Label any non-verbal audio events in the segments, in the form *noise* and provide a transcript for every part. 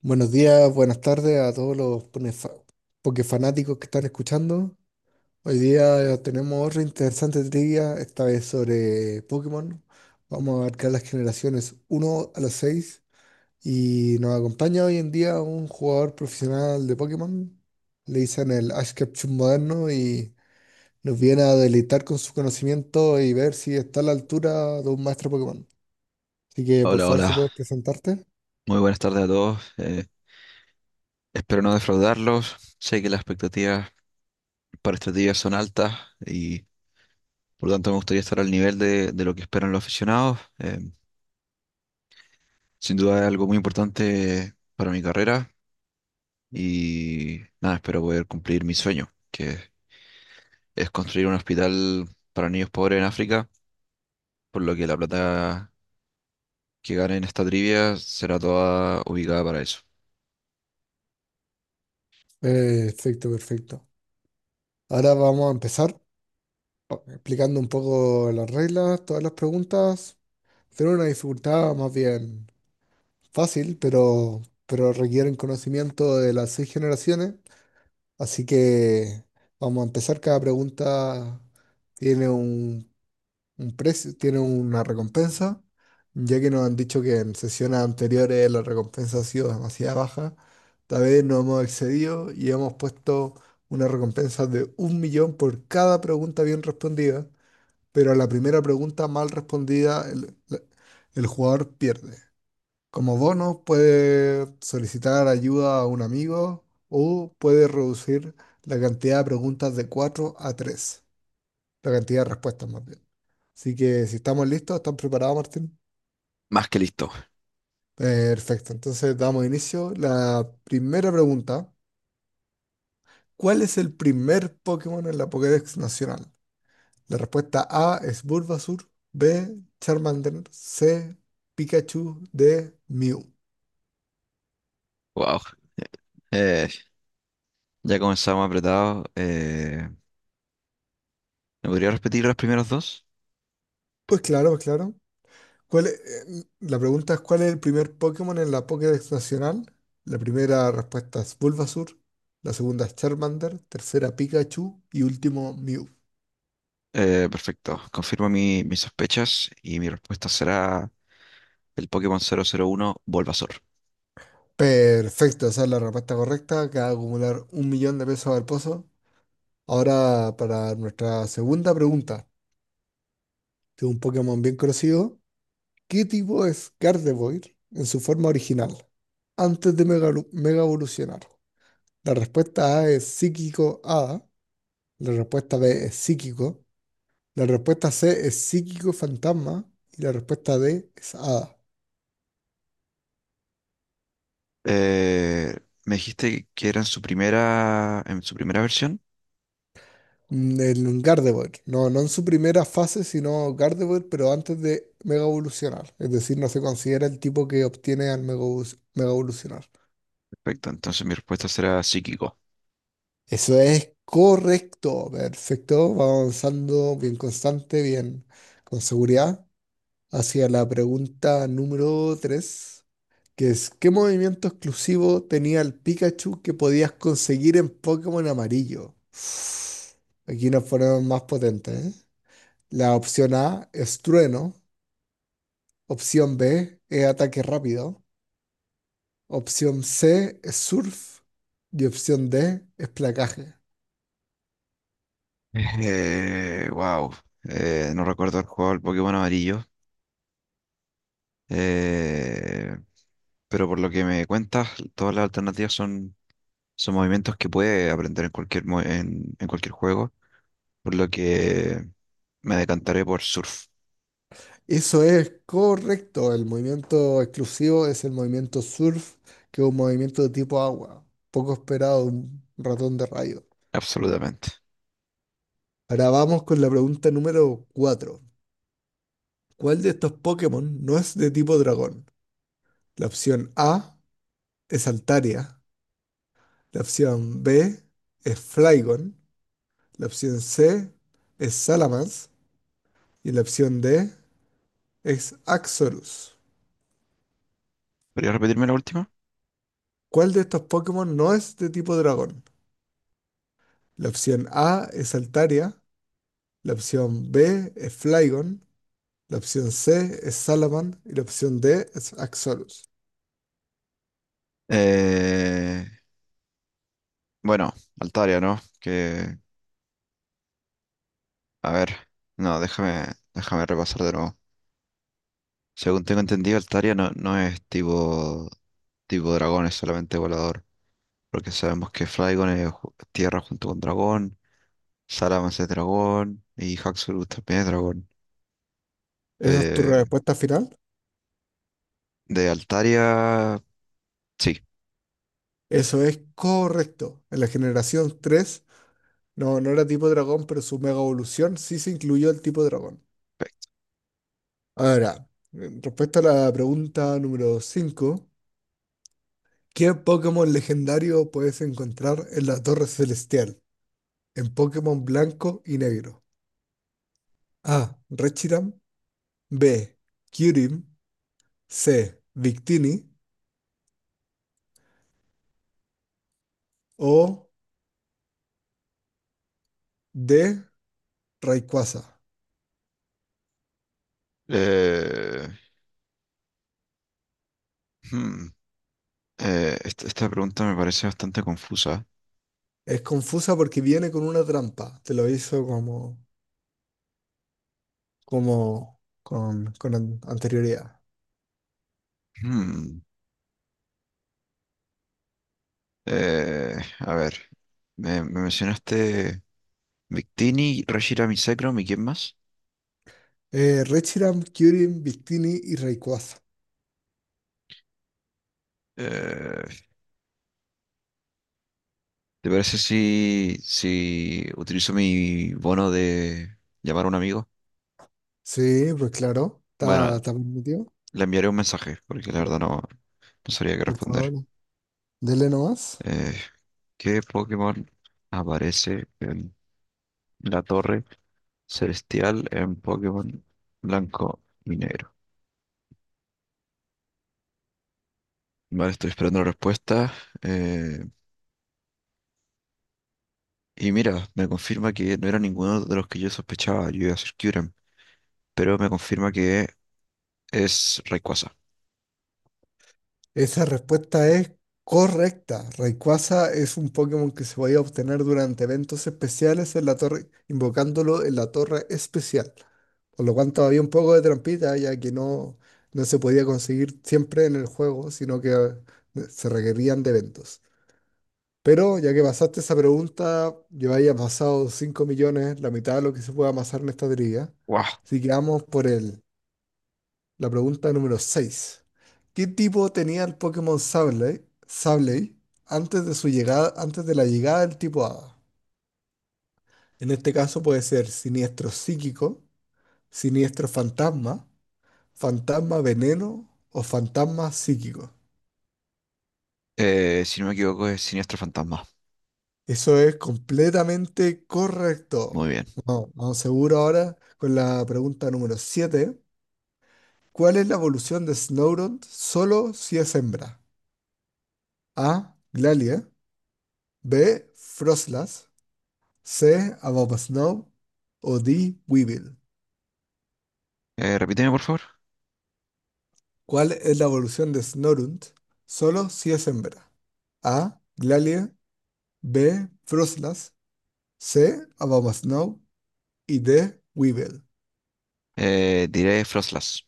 Buenos días, buenas tardes a todos los pokefanáticos que están escuchando. Hoy día tenemos otra interesante trivia, esta vez sobre Pokémon. Vamos a abarcar las generaciones uno a las 6 y nos acompaña hoy en día un jugador profesional de Pokémon. Le dicen el Ash Ketchum moderno y nos viene a deleitar con su conocimiento y ver si está a la altura de un maestro Pokémon. Así que por Hola, favor, si hola. puedes presentarte. Muy buenas tardes a todos. Espero no defraudarlos. Sé que las expectativas para este día son altas y por lo tanto me gustaría estar al nivel de lo que esperan los aficionados. Sin duda es algo muy importante para mi carrera y nada, espero poder cumplir mi sueño, que es construir un hospital para niños pobres en África, por lo que la plata que gane en esta trivia será toda ubicada para eso. Perfecto, perfecto. Ahora vamos a empezar. Explicando un poco las reglas, todas las preguntas. Tienen una dificultad más bien fácil, pero requieren conocimiento de las seis generaciones. Así que vamos a empezar. Cada pregunta tiene un precio, tiene una recompensa. Ya que nos han dicho que en sesiones anteriores la recompensa ha sido demasiado baja, tal vez nos hemos excedido y hemos puesto una recompensa de 1 millón por cada pregunta bien respondida, pero a la primera pregunta mal respondida, el jugador pierde. Como bono, puede solicitar ayuda a un amigo o puede reducir la cantidad de preguntas de 4 a 3, la cantidad de respuestas más bien. Así que si estamos listos, ¿están preparados, Martín? Más que listo. Perfecto, entonces damos inicio. La primera pregunta, ¿cuál es el primer Pokémon en la Pokédex nacional? La respuesta A es Bulbasaur, B, Charmander, C, Pikachu, D, Mew. Wow. Eh, ya comenzamos apretados. ¿Me podría repetir las primeras dos? Pues claro, pues claro. ¿Cuál es- la pregunta es ¿cuál es el primer Pokémon en la Pokédex nacional? La primera respuesta es Bulbasaur, la segunda es Charmander, tercera Pikachu y último Mew. Perfecto. Confirmo mis sospechas y mi respuesta será el Pokémon 001 Bulbasaur. Perfecto, esa es la respuesta correcta. Acaba de acumular 1 millón de pesos al pozo. Ahora, para nuestra segunda pregunta, de un Pokémon bien conocido. ¿Qué tipo es Gardevoir en su forma original, antes de mega evolucionar? La respuesta A es psíquico A, la respuesta B es psíquico, la respuesta C es psíquico fantasma y la respuesta D es A. Eh, me dijiste que era en su primera versión. En Gardevoir, no, no en su primera fase, sino Gardevoir, pero antes de mega evolucionar. Es decir, no se considera el tipo que obtiene al mega evolucionar. Perfecto, entonces mi respuesta será psíquico. Eso es correcto, perfecto. Vamos avanzando bien constante, bien con seguridad, hacia la pregunta número 3, que es, ¿qué movimiento exclusivo tenía el Pikachu que podías conseguir en Pokémon Amarillo? *sighs* Aquí nos ponemos más potentes, ¿eh? La opción A es trueno, opción B es ataque rápido, opción C es surf y opción D es placaje. *laughs* Wow. No recuerdo el juego del Pokémon amarillo. Eh, pero por lo que me cuentas, todas las alternativas son movimientos que puede aprender en cualquier, en cualquier juego, por lo que me decantaré por surf, Eso es correcto. El movimiento exclusivo es el movimiento surf, que es un movimiento de tipo agua. Poco esperado, un ratón de rayo. absolutamente. Ahora vamos con la pregunta número 4. ¿Cuál de estos Pokémon no es de tipo dragón? La opción A es Altaria. La opción B es Flygon. La opción C es Salamence. Y la opción D es Axorus. ¿Podría repetirme la última? ¿Cuál de estos Pokémon no es de tipo dragón? La opción A es Altaria. La opción B es Flygon. La opción C es Salaman. Y la opción D es Axolotl. Eh, bueno, Altaria, ¿no? Que, a ver, no, déjame repasar de nuevo. Según tengo entendido, Altaria no es tipo dragón, es solamente volador. Porque sabemos que Flygon es tierra junto con dragón, Salamence es dragón y Haxorus también es dragón. ¿Esa es tu Eh, respuesta final? de Altaria, sí. Eso es correcto. En la generación 3 no, no era tipo dragón, pero su mega evolución sí se incluyó el tipo dragón. Ahora, respecto a la pregunta número 5, ¿qué Pokémon legendario puedes encontrar en la Torre Celestial? En Pokémon blanco y negro. A. Rechiram. B. Kyurem. C. Victini. O de Rayquaza. Eh, hmm, Esta, esta pregunta me parece bastante confusa. Es confusa porque viene con una trampa. Te lo hizo como, como con anterioridad. Hmm, a ver, me mencionaste Victini, Rashira Misecrom y quién más. Reshiram, Kyurem, Victini y Rayquaza. Eh, ¿Te parece si utilizo mi bono de llamar a un amigo? Sí, pues claro. Bueno, Está permitido. le enviaré un mensaje porque la verdad no sabría qué Por responder. favor, dele nomás. Eh, ¿Qué Pokémon aparece en la torre celestial en Pokémon blanco y negro? Vale, estoy esperando la respuesta. eh, y mira, me confirma que no era ninguno de los que yo sospechaba. Yo iba a decir Kyurem, pero me confirma que es Rayquaza. Esa respuesta es correcta. Rayquaza es un Pokémon que se podía obtener durante eventos especiales en la torre, invocándolo en la torre especial. Por lo cual todavía un poco de trampita, ya que no, no se podía conseguir siempre en el juego, sino que se requerían de eventos. Pero ya que pasaste esa pregunta, yo había pasado 5 millones, la mitad de lo que se puede amasar en esta trivia. ¡Wow! Así que vamos por el la pregunta número 6. ¿Qué tipo tenía el Pokémon Sableye antes de su llegada, antes de la llegada del tipo Hada? En este caso puede ser siniestro psíquico, siniestro fantasma, fantasma veneno o fantasma psíquico. Si no me equivoco, es siniestro fantasma. Eso es completamente Muy correcto. bien. Vamos, vamos seguro ahora con la pregunta número 7. ¿Cuál es la evolución de Snorunt solo si es hembra? A. Glalie. B. Froslas. C. About Snow o D. Weevil. Repíteme, por favor. ¿Cuál es la evolución de Snorunt? Solo si es hembra. A. Glalie. B. Froslas. C. About Snow y D. Weevil. Diré Frostlass.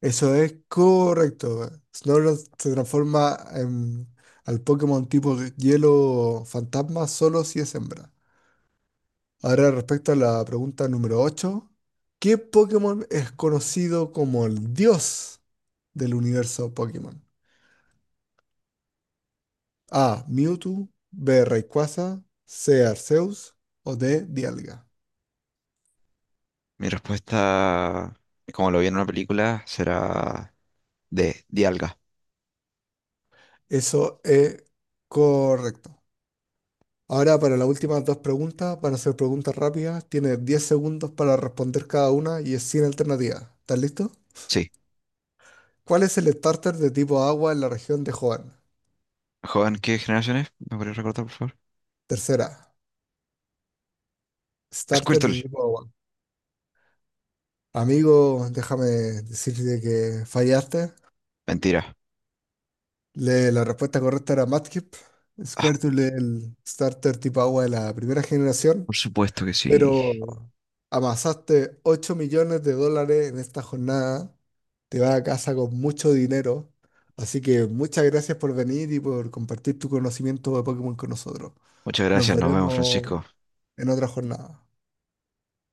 Eso es correcto. Snorlax se transforma al Pokémon tipo hielo fantasma solo si es hembra. Ahora, respecto a la pregunta número 8, ¿qué Pokémon es conocido como el dios del universo Pokémon? A. Mewtwo. B. Rayquaza. C. Arceus. O D. Dialga. Mi respuesta, como lo vi en una película, será de Dialga. Eso es correcto. Ahora para las últimas dos preguntas, van a ser preguntas rápidas. Tienes 10 segundos para responder cada una y es sin alternativa. ¿Estás listo? Sí. ¿Cuál es el starter de tipo agua en la región de Hoenn? ¿Joven, qué generación es? ¿Me podría recordar, por favor? Tercera, starter Squirtle. de tipo agua. Amigo, déjame decirte que fallaste. Mentira. La respuesta correcta era Mudkip. Ah, Squirtle, el starter tipo agua de la primera generación. por supuesto que sí. Pero amasaste 8 millones de dólares en esta jornada. Te vas a casa con mucho dinero. Así que muchas gracias por venir y por compartir tu conocimiento de Pokémon con nosotros. Muchas Nos gracias, nos vemos, veremos Francisco. en otra jornada.